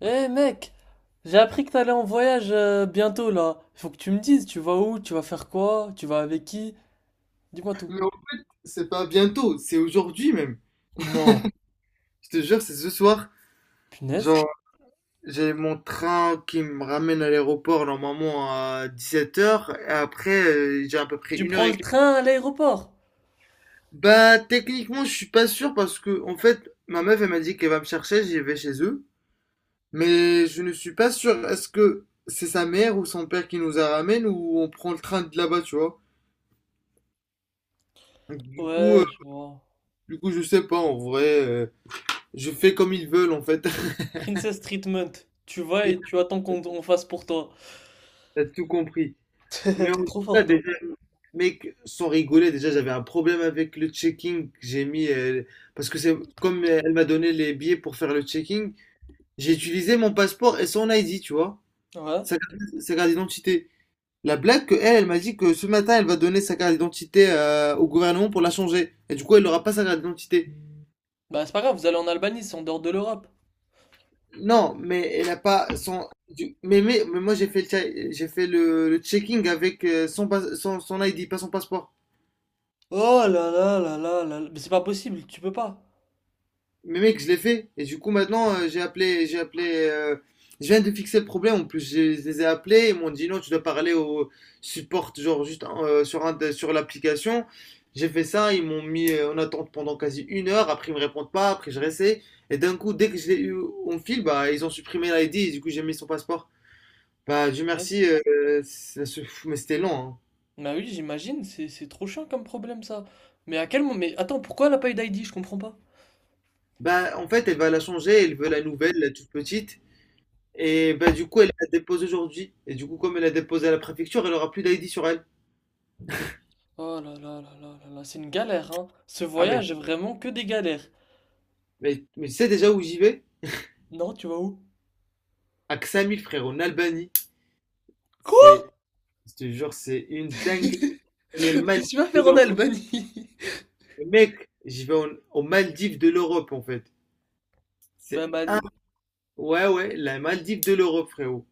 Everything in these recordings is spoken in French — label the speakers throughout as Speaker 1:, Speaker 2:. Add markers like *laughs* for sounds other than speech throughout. Speaker 1: Eh mec, j'ai appris que t'allais en voyage bientôt là. Faut que tu me dises, tu vas où, tu vas faire quoi, tu vas avec qui? Dis-moi tout.
Speaker 2: Non, c'est pas bientôt, c'est aujourd'hui même.
Speaker 1: Non.
Speaker 2: Je te jure, c'est ce soir.
Speaker 1: Punaise.
Speaker 2: Genre, j'ai mon train qui me ramène à l'aéroport normalement à 17h. Et après, j'ai à peu près
Speaker 1: Tu
Speaker 2: une heure
Speaker 1: prends le
Speaker 2: et quart.
Speaker 1: train à l'aéroport?
Speaker 2: Bah, techniquement, je suis pas sûr parce que, en fait, ma meuf, elle m'a dit qu'elle va me chercher, j'y vais chez eux. Mais je ne suis pas sûr. Est-ce que c'est sa mère ou son père qui nous la ramène ou on prend le train de là-bas, tu vois? Donc, Du coup, euh,
Speaker 1: Ouais, je vois.
Speaker 2: du coup, je sais pas, en vrai. Je fais comme ils veulent, en fait.
Speaker 1: Princess Treatment. Tu vas et
Speaker 2: *laughs*
Speaker 1: tu attends qu'on on fasse pour toi.
Speaker 2: T'as tout compris. Mais
Speaker 1: *laughs* T'es
Speaker 2: on-
Speaker 1: trop
Speaker 2: Là,
Speaker 1: fort toi.
Speaker 2: déjà, mec, sans rigoler, déjà j'avais un problème avec le checking que j'ai mis. Parce que c'est comme elle m'a donné les billets pour faire le checking, j'ai utilisé mon passeport et son ID, tu vois.
Speaker 1: Ouais.
Speaker 2: Sa carte, sa carte d'identité. La blague que elle, elle m'a dit que ce matin, elle va donner sa carte d'identité au gouvernement pour la changer. Et du coup, elle n'aura pas sa carte d'identité.
Speaker 1: Bah c'est pas grave, vous allez en Albanie, c'est en dehors de l'Europe.
Speaker 2: Non, mais elle a pas Mais moi, j'ai fait j'ai fait le checking avec son ID, pas son passeport.
Speaker 1: Oh là là là là là là. Mais c'est pas possible, tu peux pas.
Speaker 2: Mais mec, je l'ai fait. Et du coup, maintenant, j'ai appelé. euh, je viens de fixer le problème. En plus, je les ai appelés. Ils m'ont dit non, tu dois parler au support, genre juste hein, sur sur l'application. J'ai fait ça. Ils m'ont mis en attente pendant quasi une heure. Après, ils me répondent pas. Après, je restais. Et d'un coup, dès que je l'ai eu en fil, bah, ils ont supprimé l'ID. Et du coup, j'ai mis son passeport. Bah, Dieu
Speaker 1: Yes.
Speaker 2: merci. Mais c'était long, hein.
Speaker 1: Bah oui, j'imagine, c'est trop chiant comme problème ça. Mais à quel moment... Mais attends, pourquoi elle a pas eu d'ID? Je comprends pas.
Speaker 2: Bah, en fait, elle va la changer. Elle veut la nouvelle, la toute petite. Et ben, du coup, elle la dépose aujourd'hui. Et du coup, comme elle a déposé à la préfecture, elle aura plus d'ID sur elle.
Speaker 1: Oh là là là là là là, c'est une galère, hein. Ce
Speaker 2: Ah, mais,
Speaker 1: voyage est vraiment que des galères.
Speaker 2: mais, mais tu sais déjà où j'y vais?
Speaker 1: Non, tu vas où?
Speaker 2: À Ksamil, frère, en Albanie.
Speaker 1: Quoi?
Speaker 2: C'est, je te jure, c'est
Speaker 1: *laughs*
Speaker 2: une dinguerie.
Speaker 1: Qu'est-ce
Speaker 2: Les Maldives
Speaker 1: que tu vas
Speaker 2: de
Speaker 1: faire en
Speaker 2: l'Europe.
Speaker 1: Albanie? *laughs*
Speaker 2: Mec, aux Maldives de l'Europe, en fait. C'est,
Speaker 1: Ben, mal.
Speaker 2: ouais, ouais, la Maldive de l'Europe, frérot.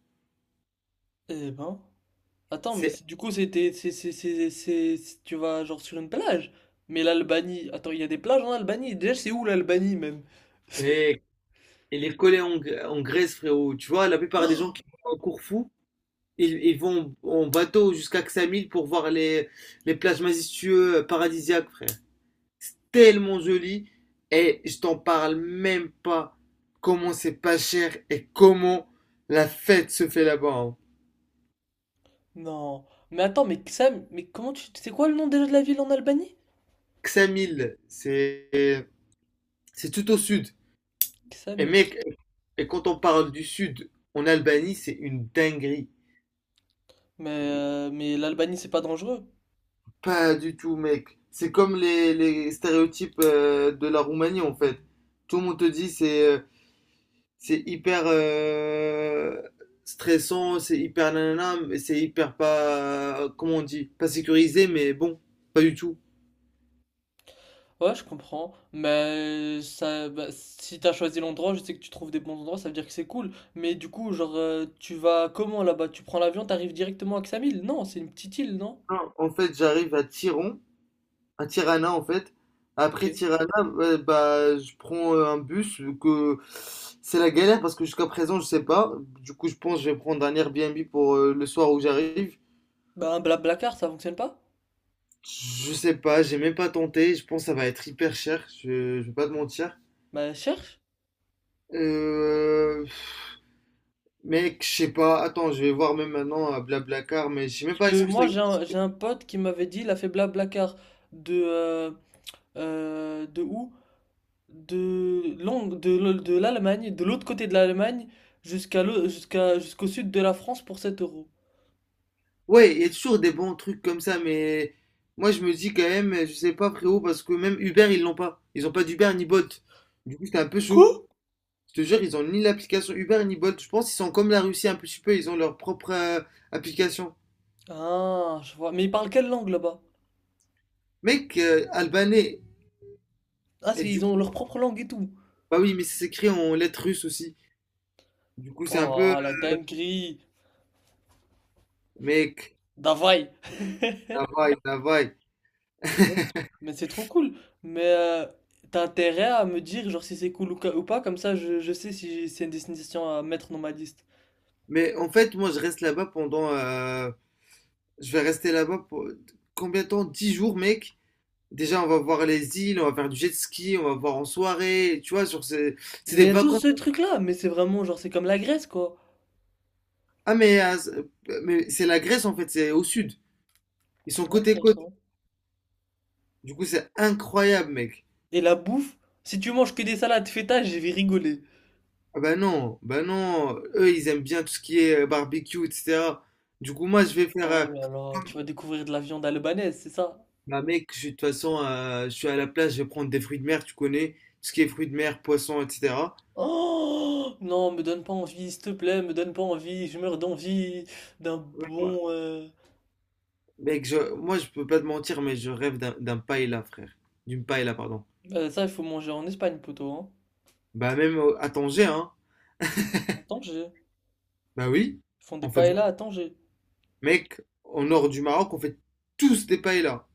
Speaker 1: Eh ben. Attends, mais
Speaker 2: C'est,
Speaker 1: du coup, c'était. C'est- tu vas genre sur une plage. Mais l'Albanie. Attends, il y a des plages en Albanie. Déjà, c'est où l'Albanie même? *laughs*
Speaker 2: mec, elle est collée en Grèce, frérot. Tu vois, la plupart des gens qui vont à Corfou, ils vont en bateau jusqu'à Ksamil pour voir les plages majestueuses paradisiaques, frère. Tellement joli, et je t'en parle même pas comment c'est pas cher et comment la fête se fait là-bas, hein.
Speaker 1: Non. Mais attends, mais Sam, mais comment tu. C'est quoi le nom déjà de la ville en Albanie?
Speaker 2: Ksamil, c'est tout au sud. Et
Speaker 1: Ksamil.
Speaker 2: mec, quand on parle du sud en Albanie, c'est une dinguerie.
Speaker 1: Mais l'Albanie, c'est pas dangereux.
Speaker 2: Pas du tout, mec. C'est comme les stéréotypes de la Roumanie en fait. Tout le monde te dit c'est hyper stressant, c'est hyper nanana, mais c'est hyper pas, comment on dit, pas sécurisé, mais bon, pas du tout.
Speaker 1: Ouais, je comprends. Mais ça, bah, si t'as choisi l'endroit, je sais que tu trouves des bons endroits, ça veut dire que c'est cool. Mais du coup, genre, tu vas comment là-bas? Tu prends l'avion, t'arrives directement à Ksamil? Non, c'est une petite île, non?
Speaker 2: Non, en fait, à Tirana en fait.
Speaker 1: Ok.
Speaker 2: Après Tirana, ouais, bah, je prends un bus, vu que c'est la galère parce que jusqu'à présent, je sais pas. Du coup, je pense que je vais prendre un Airbnb pour le soir où j'arrive.
Speaker 1: Bah, un Blablacar, ça fonctionne pas?
Speaker 2: Je sais pas, j'ai même pas tenté. Je pense que ça va être hyper cher, je vais pas te mentir.
Speaker 1: Bah, cherche.
Speaker 2: Euh, Mec, je sais pas. Attends, je vais voir même maintenant à Blablacar, mais je sais même
Speaker 1: Parce
Speaker 2: pas est-ce
Speaker 1: que
Speaker 2: que ça
Speaker 1: moi, j'ai
Speaker 2: existe.
Speaker 1: un, j'ai un pote qui m'avait dit, il a fait Blablacar de, euh, de où? De, Londres, de l'Allemagne, de l'autre côté de l'Allemagne, jusqu'au sud de la France pour 7 euros.
Speaker 2: Ouais, il y a toujours des bons trucs comme ça, mais moi je me dis quand même, je sais pas frérot, parce que même Uber ils l'ont pas. Ils ont pas d'Uber ni Bolt. Du coup, c'est un peu chaud.
Speaker 1: Quoi?
Speaker 2: Je te jure, ils ont ni l'application Uber ni Bolt. Je pense qu'ils sont comme la Russie un petit peu, ils ont leur propre application.
Speaker 1: Ah, je vois. Mais ils parlent quelle langue là-bas?
Speaker 2: Mec, albanais.
Speaker 1: Ah,
Speaker 2: Et du
Speaker 1: ils
Speaker 2: coup,
Speaker 1: ont leur propre langue et tout.
Speaker 2: bah oui, mais c'est écrit en lettres russes aussi. Du coup, c'est un peu.
Speaker 1: Oh, la dinguerie.
Speaker 2: Mec,
Speaker 1: Davai.
Speaker 2: la vaille, la vaille.
Speaker 1: Punaise. Mais c'est trop cool. Mais t'as intérêt à me dire genre si c'est cool ou pas, comme ça je sais si c'est une destination à mettre dans ma liste.
Speaker 2: Mais en fait, moi je reste là-bas pendant Je vais rester là-bas pour combien de temps? 10 jours, mec. Déjà, on va voir les îles, on va faire du jet ski, on va voir en soirée. Tu vois, sur ces... c'est
Speaker 1: Mais
Speaker 2: des
Speaker 1: il y a tous
Speaker 2: vacances.
Speaker 1: ces trucs-là, mais c'est vraiment genre c'est comme la Grèce quoi.
Speaker 2: Ah, mais, ah, c'est- mais c'est la Grèce en fait, c'est au sud. Ils sont côte à côte.
Speaker 1: Intéressant.
Speaker 2: Du coup, c'est incroyable, mec.
Speaker 1: Et la bouffe, si tu manges que des salades feta, je vais rigoler.
Speaker 2: Ah, bah non, bah non. Eux, ils aiment bien tout ce qui est barbecue, etc. Du coup, moi, je vais faire. euh,
Speaker 1: Oh là là, tu vas découvrir de la viande albanaise, c'est ça?
Speaker 2: Bah, mec, je suis de toute façon, je suis à la plage, je vais prendre des fruits de mer, tu connais. Tout ce qui est fruits de mer, poissons, etc.
Speaker 1: Oh non, me donne pas envie, s'il te plaît, me donne pas envie, je meurs d'envie d'un bon.
Speaker 2: Mec, moi, je peux pas te mentir, mais je rêve d'un paella, frère. D'une paella, pardon.
Speaker 1: Ça, il faut manger en Espagne, poteau, hein.
Speaker 2: Bah, même à Tanger, hein.
Speaker 1: À Tanger.
Speaker 2: Bah oui,
Speaker 1: Ils font des
Speaker 2: on fait
Speaker 1: paella à
Speaker 2: beaucoup.
Speaker 1: Tanger.
Speaker 2: Mec, au nord du Maroc, on fait tous des paellas.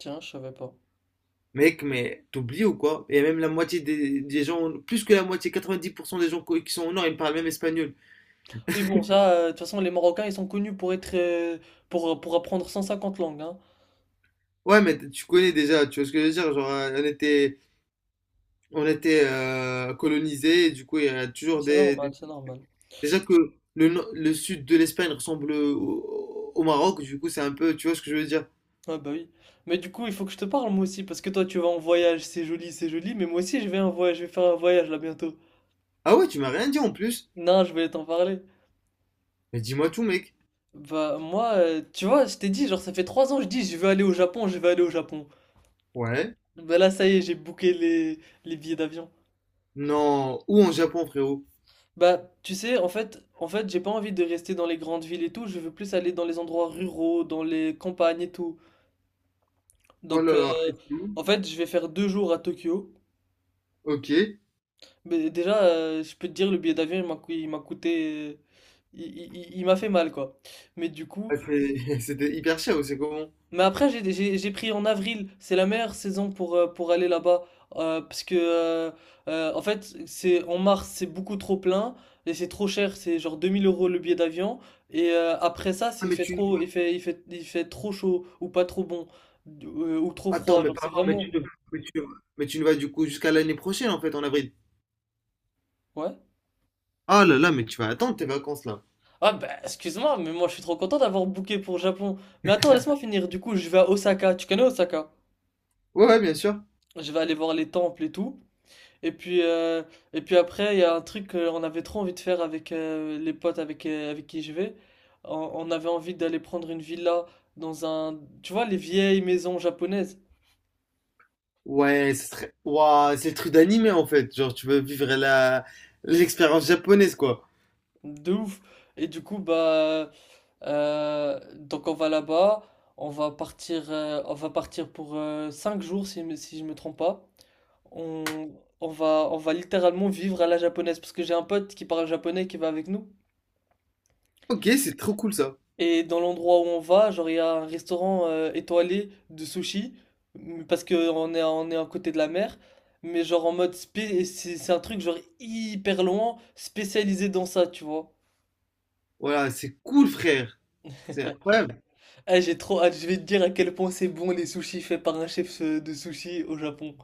Speaker 1: Tiens, je savais pas.
Speaker 2: Mec, mais t'oublies ou quoi? Et même la moitié des gens, plus que la moitié, 90% des gens qui sont au nord, ils parlent même espagnol.
Speaker 1: Oui, bon, ça, de toute façon, les Marocains, ils sont connus pour être. Pour apprendre 150 langues, hein.
Speaker 2: Ouais, mais tu connais déjà, tu vois ce que je veux dire? Genre, on était colonisés, et du coup, il y a toujours
Speaker 1: C'est normal, c'est normal.
Speaker 2: *laughs* Déjà que le, no- le sud de l'Espagne ressemble au Maroc, du coup, c'est un peu... Tu vois ce que je veux dire?
Speaker 1: Ah bah oui. Mais du coup, il faut que je te parle, moi aussi, parce que toi, tu vas en voyage, c'est joli, mais moi aussi, je vais en voyage, je vais faire un voyage là bientôt.
Speaker 2: Ah ouais, tu m'as rien dit en plus?
Speaker 1: Non, je voulais t'en parler.
Speaker 2: Mais dis-moi tout, mec.
Speaker 1: Bah moi, tu vois, je t'ai dit, genre ça fait 3 ans que je dis je veux aller au Japon, je veux aller au Japon.
Speaker 2: Ouais.
Speaker 1: Bah là ça y est, j'ai booké les billets d'avion.
Speaker 2: Non. Où en Japon, frérot?
Speaker 1: Bah tu sais, en fait, j'ai pas envie de rester dans les grandes villes et tout, je veux plus aller dans les endroits ruraux, dans les campagnes et tout.
Speaker 2: Oh
Speaker 1: Donc
Speaker 2: là là. Et c'est où?
Speaker 1: en fait, je vais faire 2 jours à Tokyo.
Speaker 2: Ok.
Speaker 1: Mais déjà, je peux te dire, le billet d'avion, il m'a coûté. Il m'a fait mal, quoi. Mais du coup.
Speaker 2: *laughs* C'était hyper cher, ou c'est comment?
Speaker 1: Mais après, j'ai pris en avril. C'est la meilleure saison pour aller là-bas. Parce que, en fait, c'est en mars, c'est beaucoup trop plein. Et c'est trop cher. C'est genre 2 000 € le billet d'avion. Et après ça,
Speaker 2: Ah,
Speaker 1: il
Speaker 2: mais
Speaker 1: fait
Speaker 2: tu...
Speaker 1: trop, il fait, il fait, il fait trop chaud. Ou pas trop bon. Ou trop
Speaker 2: Attends,
Speaker 1: froid.
Speaker 2: mais
Speaker 1: Genre, c'est
Speaker 2: pardon, mais
Speaker 1: vraiment.
Speaker 2: tu ne... Mais tu, mais tu ne vas du coup jusqu'à l'année prochaine, en fait, en avril.
Speaker 1: Ouais.
Speaker 2: Ah là là, mais tu vas attendre tes vacances, là.
Speaker 1: Ah, bah, excuse-moi, mais moi, je suis trop content d'avoir booké pour le Japon. Mais attends, laisse-moi finir. Du coup, je vais à Osaka. Tu connais Osaka?
Speaker 2: Ouais, ouais, bien sûr.
Speaker 1: Je vais aller voir les temples et tout. Et puis, euh, et puis après, il y a un truc qu'on avait trop envie de faire avec les potes avec qui je vais. On avait envie d'aller prendre une villa dans un. Tu vois, les vieilles maisons japonaises.
Speaker 2: Ouais. Ouah, c'est le truc d'animé en fait. Genre, tu veux vivre la l'expérience japonaise quoi.
Speaker 1: De ouf. Et du coup, bah. Donc on va là-bas. On va partir pour 5 jours, si je me trompe pas. On, on va littéralement vivre à la japonaise. Parce que j'ai un pote qui parle japonais qui va avec nous.
Speaker 2: Ok, c'est trop cool ça.
Speaker 1: Et dans l'endroit où on va, genre, il y a un restaurant étoilé de sushi, parce que on est à côté de la mer, mais genre en mode c'est un truc genre hyper loin, spécialisé dans ça, tu vois.
Speaker 2: Voilà, c'est cool frère. C'est
Speaker 1: *laughs*
Speaker 2: incroyable.
Speaker 1: Ah j'ai trop hâte, je vais te dire à quel point c'est bon les sushis faits par un chef de sushi au Japon.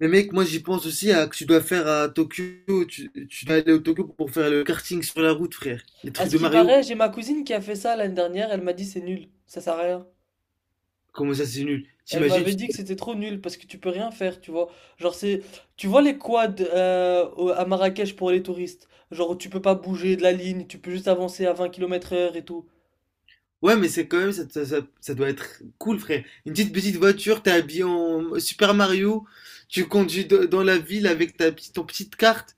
Speaker 2: Mais mec, moi j'y pense aussi à que tu dois faire à Tokyo. Tu dois aller au Tokyo pour faire le karting sur la route, frère. Les
Speaker 1: À
Speaker 2: trucs
Speaker 1: ce
Speaker 2: de
Speaker 1: qui
Speaker 2: Mario.
Speaker 1: paraît, j'ai ma cousine qui a fait ça l'année dernière, elle m'a dit c'est nul, ça sert à rien.
Speaker 2: Comment ça, c'est nul.
Speaker 1: Elle
Speaker 2: T'imagines?
Speaker 1: m'avait dit que c'était trop nul parce que tu peux rien faire, tu vois. Genre tu vois les quads à Marrakech pour les touristes. Genre tu peux pas bouger de la ligne, tu peux juste avancer à 20 km/h et tout.
Speaker 2: Ouais, mais c'est quand même ça doit être cool, frère. Une petite petite voiture, t'es habillé en Super Mario. Tu conduis dans la ville avec ta petite ton petite carte.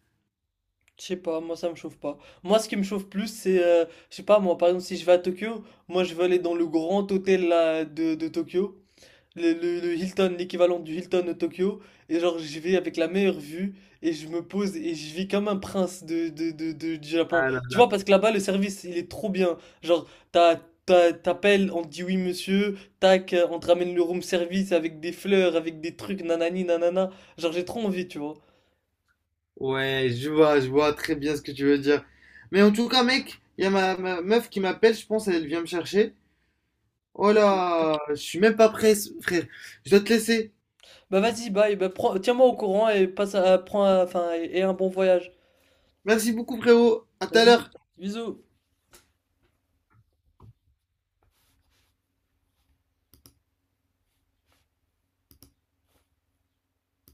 Speaker 1: Je sais pas, moi ça me chauffe pas. Moi ce qui me chauffe plus c'est, je sais pas moi, par exemple si je vais à Tokyo, moi je veux aller dans le grand hôtel là, de Tokyo. Le Hilton, l'équivalent du Hilton de Tokyo, et genre j'y vais avec la meilleure vue, et je me pose et je vis comme un prince du Japon.
Speaker 2: Ah,
Speaker 1: Tu vois,
Speaker 2: non.
Speaker 1: parce que là-bas, le service, il est trop bien. Genre, t'as, t'appelles, on te dit oui monsieur, tac, on te ramène le room service avec des fleurs, avec des trucs, nanani, nanana. Genre, j'ai trop envie, tu vois.
Speaker 2: Ouais, je vois très bien ce que tu veux dire. Mais en tout cas, mec, il y a ma meuf qui m'appelle, je pense, elle vient me chercher. Oh
Speaker 1: Ok.
Speaker 2: là, je suis même pas prêt, frère. Je dois te laisser.
Speaker 1: Bah vas-y, bye, bah, tiens-moi au courant et passe à, prends, enfin, et un bon voyage.
Speaker 2: Merci beaucoup, frérot. À tout à
Speaker 1: Vas-y,
Speaker 2: l'heure.
Speaker 1: bisous.